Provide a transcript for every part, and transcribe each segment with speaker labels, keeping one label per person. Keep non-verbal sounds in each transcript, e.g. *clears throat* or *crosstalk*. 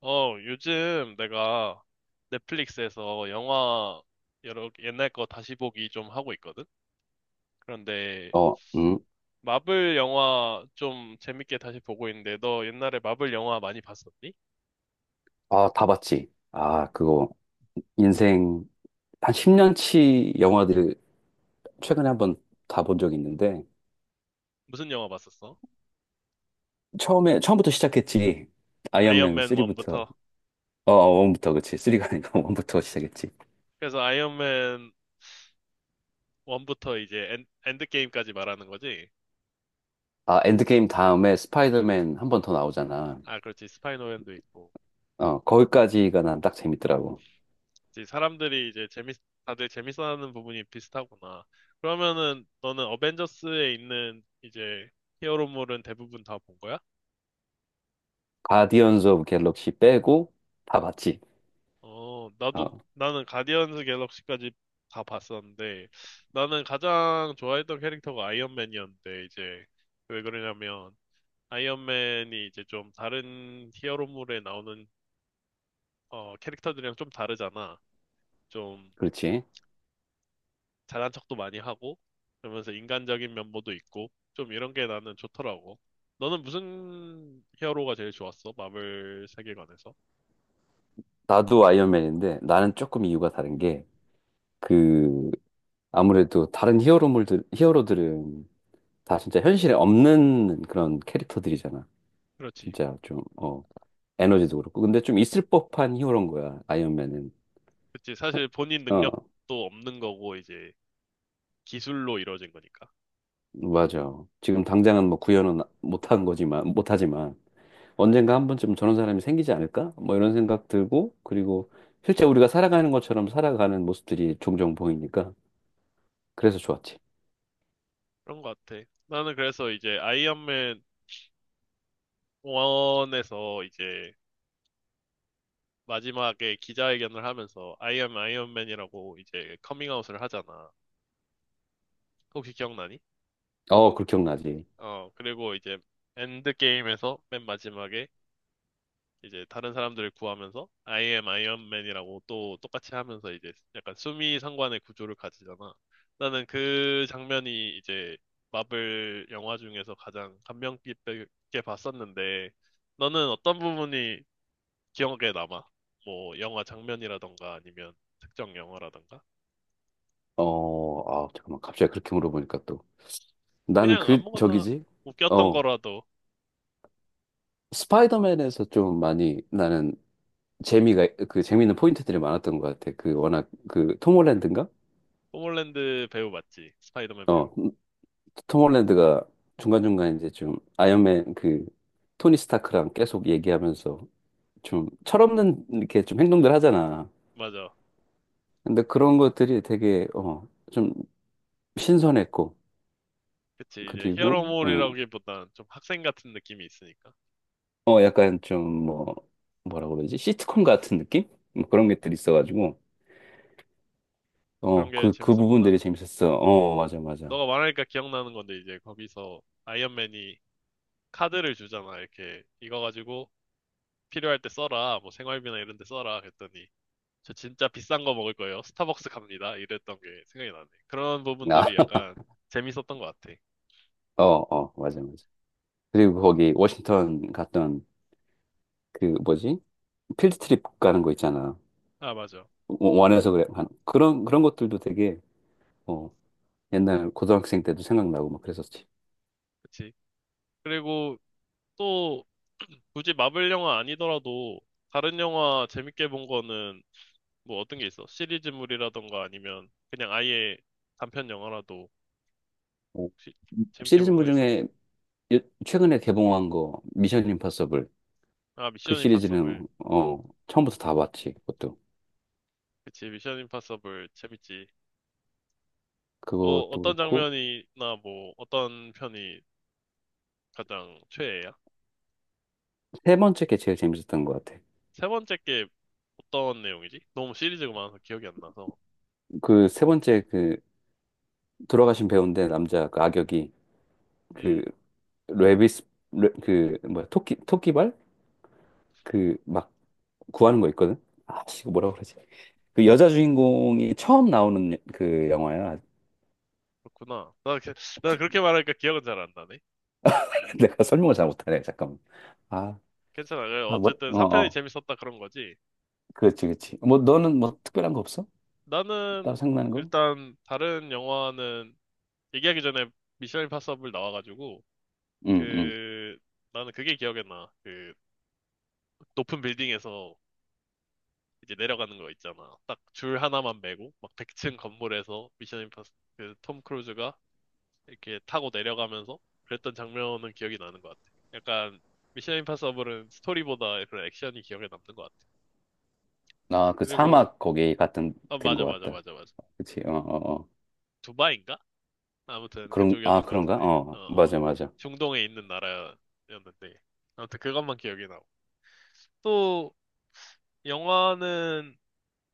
Speaker 1: 요즘 내가 넷플릭스에서 영화 여러 옛날 거 다시 보기 좀 하고 있거든? 그런데
Speaker 2: 어, 음,
Speaker 1: 마블 영화 좀 재밌게 다시 보고 있는데 너 옛날에 마블 영화 많이 봤었니?
Speaker 2: 아, 다 봤지. 아, 그거, 인생, 한 10년치 영화들을 최근에 한번 다 본 적이 있는데,
Speaker 1: 무슨 영화 봤었어?
Speaker 2: 처음부터 시작했지. 아이언맨
Speaker 1: 아이언맨
Speaker 2: 3부터,
Speaker 1: 1부터.
Speaker 2: 부터 그치. 3가 아니고 *laughs* 1부터 시작했지.
Speaker 1: 그래서 아이언맨 1부터 이제 엔드게임까지 말하는 거지?
Speaker 2: 아, 엔드게임 다음에 스파이더맨 한 번 더 나오잖아.
Speaker 1: 아, 그렇지. 스파이노맨도 있고.
Speaker 2: 거기까지가 난 딱 재밌더라고.
Speaker 1: 이제 사람들이 이제 다들 재밌어하는 부분이 비슷하구나. 그러면은 너는 어벤져스에 있는 이제 히어로물은 대부분 다 본 거야?
Speaker 2: 가디언즈 오브 갤럭시 빼고 다 봤지.
Speaker 1: 나도,
Speaker 2: 어,
Speaker 1: 나는 가디언즈 갤럭시까지 다 봤었는데, 나는 가장 좋아했던 캐릭터가 아이언맨이었는데, 이제, 왜 그러냐면, 아이언맨이 이제 좀 다른 히어로물에 나오는, 캐릭터들이랑 좀 다르잖아. 좀
Speaker 2: 그렇지.
Speaker 1: 잘난 척도 많이 하고 그러면서 인간적인 면모도 있고 좀 이런 게 나는 좋더라고. 너는 무슨 히어로가 제일 좋았어? 마블 세계관에서?
Speaker 2: 나도 아이언맨인데, 나는 조금 이유가 다른 게, 그 아무래도 다른 히어로물들, 히어로들은 다 진짜 현실에 없는 그런 캐릭터들이잖아.
Speaker 1: 그렇지.
Speaker 2: 진짜 좀, 에너지도 그렇고. 근데 좀 있을 법한 히어로인 거야, 아이언맨은.
Speaker 1: 그렇지. 사실 본인 능력도
Speaker 2: 어,
Speaker 1: 없는 거고 이제 기술로 이루어진 거니까.
Speaker 2: 맞아. 지금 당장은 뭐 구현은 못하지만, 언젠가 한 번쯤 저런 사람이 생기지 않을까? 뭐 이런 생각 들고, 그리고 실제 우리가 살아가는 것처럼 살아가는 모습들이 종종 보이니까, 그래서 좋았지.
Speaker 1: 그런 것 같아. 나는 그래서 이제 아이언맨 1에서 이제 마지막에 기자회견을 하면서 I am 아이언맨이라고 이제 커밍아웃을 하잖아. 혹시 기억나니?
Speaker 2: 그 기억나지.
Speaker 1: 그리고 이제 엔드게임에서 맨 마지막에 이제 다른 사람들을 구하면서 I am 아이언맨이라고 또 똑같이 하면서 이제 약간 수미 상관의 구조를 가지잖아. 나는 그 장면이 이제 마블 영화 중에서 가장 감명 깊게 봤었는데 너는 어떤 부분이 기억에 남아? 뭐 영화 장면이라던가 아니면 특정 영화라던가?
Speaker 2: 잠깐만. 갑자기 그렇게 물어보니까 또. 나는
Speaker 1: 그냥
Speaker 2: 그,
Speaker 1: 아무거나
Speaker 2: 저기지?
Speaker 1: 웃겼던
Speaker 2: 어,
Speaker 1: 거라도
Speaker 2: 스파이더맨에서 좀 많이 나는 재미가 그 재미있는 포인트들이 많았던 것 같아. 그 워낙 그 톰 홀랜드인가?
Speaker 1: 톰홀랜드 배우 맞지? 스파이더맨
Speaker 2: 어,
Speaker 1: 배우.
Speaker 2: 톰 홀랜드가 중간중간 이제 좀 아이언맨 그 토니 스타크랑 계속 얘기하면서 좀 철없는 이렇게 좀 행동들 하잖아.
Speaker 1: 맞아.
Speaker 2: 근데 그런 것들이 되게 좀 신선했고
Speaker 1: 그치, 이제
Speaker 2: 그리고 응,
Speaker 1: 히어로물이라기보단 좀 학생 같은 느낌이 있으니까.
Speaker 2: 약간 좀 뭐라고 그러지? 시트콤 같은 느낌? 뭐 그런 것들이 있어가지고
Speaker 1: 그런 게
Speaker 2: 그 부분들이
Speaker 1: 재밌었구나.
Speaker 2: 재밌었어. 맞아, 맞아.
Speaker 1: 너가 말하니까 기억나는 건데 이제 거기서 아이언맨이 카드를 주잖아. 이렇게 이거 가지고 필요할 때 써라. 뭐 생활비나 이런 데 써라. 그랬더니 저 진짜 비싼 거 먹을 거예요. 스타벅스 갑니다. 이랬던 게 생각이 나네. 그런
Speaker 2: 아,
Speaker 1: 부분들이 약간 재밌었던 것 같아.
Speaker 2: 맞아, 맞아. 그리고 거기 워싱턴 갔던 그 뭐지? 필드 트립 가는 거 있잖아.
Speaker 1: 아, 맞아.
Speaker 2: 원해서 그래. 그런, 그런 것들도 되게, 어, 옛날 고등학생 때도 생각나고 막 그랬었지.
Speaker 1: 그치. 그리고 또 *clears throat* 굳이 마블 영화 아니더라도 다른 영화 재밌게 본 거는 뭐 어떤 게 있어? 시리즈물이라던가 아니면 그냥 아예 단편 영화라도
Speaker 2: 어,
Speaker 1: 혹시 재밌게 본
Speaker 2: 시리즈물
Speaker 1: 거 있어?
Speaker 2: 중에 요- 최근에 개봉한 거, 미션 임파서블.
Speaker 1: 아,
Speaker 2: 그
Speaker 1: 미션 임파서블.
Speaker 2: 시리즈는, 처음부터 다 봤지, 그것도.
Speaker 1: 그치, 미션 임파서블 재밌지. 뭐
Speaker 2: 그것도
Speaker 1: 어떤
Speaker 2: 그렇고,
Speaker 1: 장면이나 뭐 어떤 편이 가장 최애야?
Speaker 2: 세 번째 게 제일 재밌었던 것 같아.
Speaker 1: 세 번째 게 어떤 내용이지? 너무 시리즈가 많아서 기억이 안 나서.
Speaker 2: 그 세 번째 그, 돌아가신 배우인데, 남자 그 악역이, 그
Speaker 1: 음,
Speaker 2: 레비스 그 뭐야 토끼발 그 막 구하는 거 있거든. 아 씨, 이거 뭐라 그러지? 그 여자 주인공이 처음 나오는 그 영화야.
Speaker 1: 그렇구나. 나 그렇게
Speaker 2: *laughs*
Speaker 1: 말하니까 기억은 잘 안 나네.
Speaker 2: 내가 설명을 잘 못하네. 잠깐만. 아,
Speaker 1: 괜찮아. 그래,
Speaker 2: 아, 뭐,
Speaker 1: 어쨌든
Speaker 2: 어,
Speaker 1: 3편이
Speaker 2: 어.
Speaker 1: 재밌었다 그런 거지.
Speaker 2: 그렇지, 그렇지. 뭐 너는 뭐 특별한 거 없어? 따로
Speaker 1: 나는
Speaker 2: 생각나는 거?
Speaker 1: 일단 다른 영화는 얘기하기 전에 미션 임파서블 나와가지고
Speaker 2: 응, 응.
Speaker 1: 그 나는 그게 기억에 나. 그 높은 빌딩에서 이제 내려가는 거 있잖아. 딱 줄 하나만 메고 막 100층 건물에서 미션 임파서블 그톰 크루즈가 이렇게 타고 내려가면서 그랬던 장면은 기억이 나는 것 같아. 약간 미션 임파서블은 스토리보다 그런 액션이 기억에 남는 것 같아.
Speaker 2: 아, 그
Speaker 1: 그리고
Speaker 2: 사막 거기 같은
Speaker 1: 아,
Speaker 2: 된
Speaker 1: 맞아,
Speaker 2: 거
Speaker 1: 맞아,
Speaker 2: 같다.
Speaker 1: 맞아, 맞아.
Speaker 2: 그렇지. 어, 어, 어.
Speaker 1: 두바이인가? 아무튼
Speaker 2: 그런 아
Speaker 1: 그쪽이었던 것
Speaker 2: 그런가?
Speaker 1: 같은데. 어, 어.
Speaker 2: 맞아, 맞아.
Speaker 1: 중동에 있는 나라였는데 아무튼 그것만 기억이 나고. 또 영화는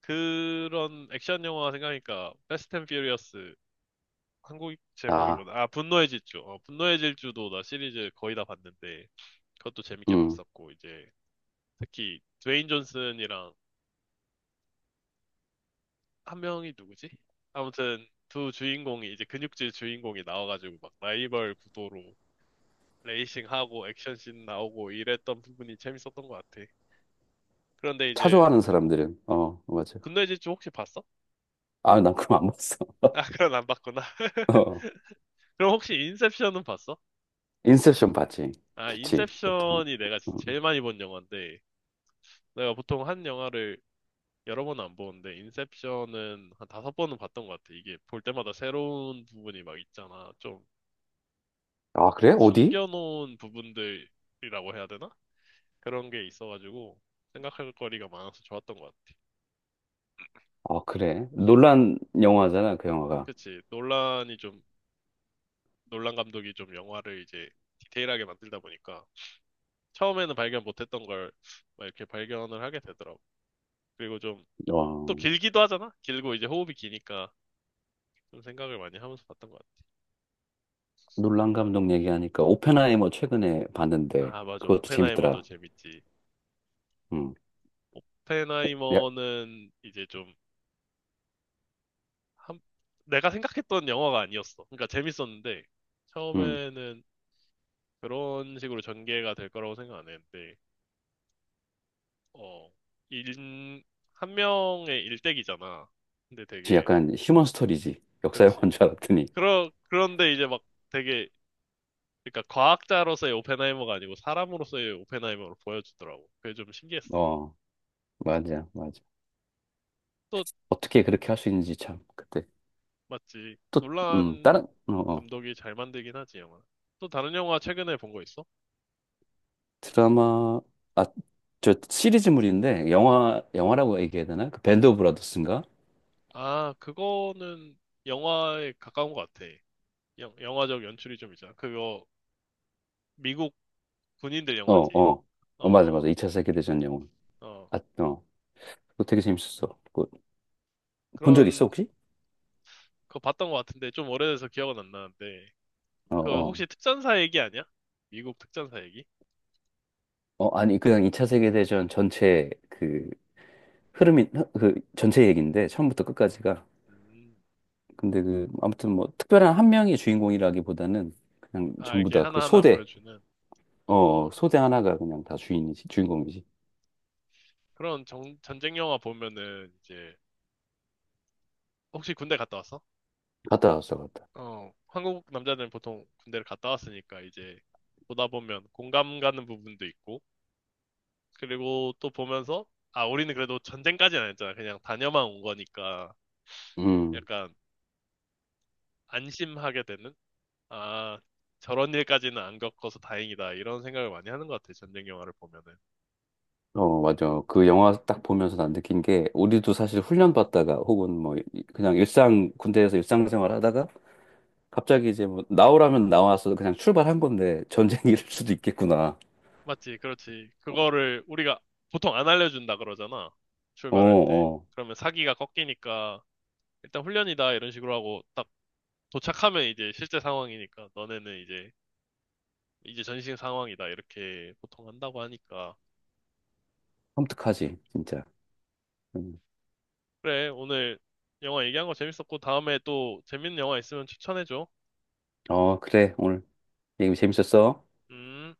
Speaker 1: 그런 액션 영화 생각하니까 패스트 앤 퓨리어스 한국 제목이
Speaker 2: 아,
Speaker 1: 뭐다아 분노의 질주. 분노의 질주도 나 시리즈 거의 다 봤는데 그것도 재밌게
Speaker 2: 음.
Speaker 1: 봤었고 이제 특히 드웨인 존슨이랑 한 명이 누구지? 아무튼 두 주인공이 이제 근육질 주인공이 나와가지고 막 라이벌 구도로 레이싱하고 액션씬 나오고 이랬던 부분이 재밌었던 것 같아. 그런데
Speaker 2: 차
Speaker 1: 이제
Speaker 2: 좋아하는 사람들은 맞아.
Speaker 1: 분노의 질주 혹시 봤어?
Speaker 2: 아, 난 그럼 안 봤어.
Speaker 1: 아, *laughs* 그건 안 봤구나.
Speaker 2: *laughs*
Speaker 1: *laughs*
Speaker 2: 어.
Speaker 1: 그럼 혹시 인셉션은 봤어?
Speaker 2: 인셉션 봤지?
Speaker 1: 아,
Speaker 2: 좋지. 그것도.
Speaker 1: 인셉션이 내가
Speaker 2: 음.
Speaker 1: 제일 많이 본 영화인데 내가 보통 한 영화를 여러 번은 안 보는데 인셉션은 한 다섯 번은 봤던 것 같아. 이게 볼 때마다 새로운 부분이 막 있잖아. 좀
Speaker 2: 아, 그래? 어디?
Speaker 1: 숨겨놓은 부분들이라고 해야 되나? 그런 게 있어가지고 생각할 거리가 많아서 좋았던 것 같아.
Speaker 2: 아, 그래. 놀란 영화잖아, 그 영화가.
Speaker 1: 그치. 논란 감독이 좀 영화를 이제 디테일하게 만들다 보니까 처음에는 발견 못했던 걸 막 이렇게 발견을 하게 되더라고. 그리고 좀
Speaker 2: 와,
Speaker 1: 또 길기도 하잖아? 길고 이제 호흡이 기니까 좀 생각을 많이 하면서 봤던 것 같아.
Speaker 2: 놀란 감독 얘기하니까 오펜하이머 최근에 봤는데
Speaker 1: 아, 맞아.
Speaker 2: 그것도
Speaker 1: 오펜하이머도
Speaker 2: 재밌더라.
Speaker 1: 재밌지.
Speaker 2: 음. 야,
Speaker 1: 오펜하이머는 이제 좀 한- 내가 생각했던 영화가 아니었어. 그러니까 재밌었는데
Speaker 2: 음.
Speaker 1: 처음에는 그런 식으로 전개가 될 거라고 생각 안 했는데 어, 일, 한 명의 일대기잖아. 근데
Speaker 2: 지
Speaker 1: 되게
Speaker 2: 약간 휴먼 스토리지. 역사 영화인
Speaker 1: 그렇지.
Speaker 2: 줄 알았더니.
Speaker 1: 그런데 이제 막 되게 그러니까 과학자로서의 오펜하이머가 아니고 사람으로서의 오펜하이머로 보여주더라고. 그게 좀 신기했어.
Speaker 2: 어, 맞아, 맞아.
Speaker 1: 또
Speaker 2: 어떻게 그렇게 할 수 있는지 참 그때.
Speaker 1: 맞지.
Speaker 2: 또,
Speaker 1: 놀란
Speaker 2: 다른 어, 어.
Speaker 1: 감독이 잘 만들긴 하지 영화. 또 다른 영화 최근에 본 거 있어?
Speaker 2: 드라마 아, 저 시리즈물인데 영화라고 얘기해야 되나? 그 밴드 오브 브라더스인가?
Speaker 1: 아, 그거는 영화에 가까운 것 같아. 영화적 연출이 좀 있잖아. 그거 미국 군인들
Speaker 2: 어,
Speaker 1: 영화지.
Speaker 2: 어.
Speaker 1: 어,
Speaker 2: 맞아, 맞아.
Speaker 1: 어,
Speaker 2: 2차 세계대전 영화.
Speaker 1: 어.
Speaker 2: 아, 어. 그거 되게 재밌었어. 그거 본 적 있어,
Speaker 1: 그런
Speaker 2: 혹시?
Speaker 1: 거 봤던 것 같은데 좀 오래돼서 기억은 안 나는데
Speaker 2: 어,
Speaker 1: 그거
Speaker 2: 어.
Speaker 1: 혹시 특전사 얘기 아니야? 미국 특전사 얘기?
Speaker 2: 어, 아니, 그냥 2차 세계대전 전체 그 흐름이, 그 전체 얘기인데, 처음부터 끝까지가.
Speaker 1: 음.
Speaker 2: 근데 그, 아무튼 뭐, 특별한 한 명이 주인공이라기보다는 그냥
Speaker 1: 아,
Speaker 2: 전부
Speaker 1: 이렇게
Speaker 2: 다 그
Speaker 1: 하나하나
Speaker 2: 소대,
Speaker 1: 보여주는
Speaker 2: 어, 어.
Speaker 1: 어.
Speaker 2: 소대 하나가 그냥 다 주인공이지.
Speaker 1: 그런 전쟁 영화 보면은 이제 혹시 군대 갔다 왔어?
Speaker 2: 갔다 왔어, 갔다.
Speaker 1: 어. 한국 남자들은 보통 군대를 갔다 왔으니까 이제 보다 보면 공감 가는 부분도 있고 그리고 또 보면서, 아, 우리는 그래도 전쟁까지는 안 했잖아. 그냥 다녀만 온 거니까
Speaker 2: 음.
Speaker 1: 약간 안심하게 되는? 아, 저런 일까지는 안 겪어서 다행이다. 이런 생각을 많이 하는 것 같아. 전쟁 영화를 보면은.
Speaker 2: 맞아. 그 영화 딱 보면서 난 느낀 게, 우리도 사실 훈련 받다가, 혹은 뭐, 그냥 일상, 군대에서 일상생활 하다가, 갑자기 이제 뭐 나오라면 나와서 그냥 출발한 건데 전쟁일 *laughs* 수도 있겠구나.
Speaker 1: 맞지, 그렇지. 그거를 우리가 보통 안 알려준다 그러잖아.
Speaker 2: 어,
Speaker 1: 출발할 때.
Speaker 2: 어.
Speaker 1: 그러면 사기가 꺾이니까 일단 훈련이다. 이런 식으로 하고 딱 도착하면 이제 실제 상황이니까 너네는 이제 전신 상황이다. 이렇게 보통 한다고 하니까.
Speaker 2: 섬뜩하지, 진짜. 음.
Speaker 1: 그래, 오늘 영화 얘기한 거 재밌었고, 다음에 또 재밌는 영화 있으면 추천해줘.
Speaker 2: 어, 그래. 오늘 얘기 재밌었어.
Speaker 1: 음.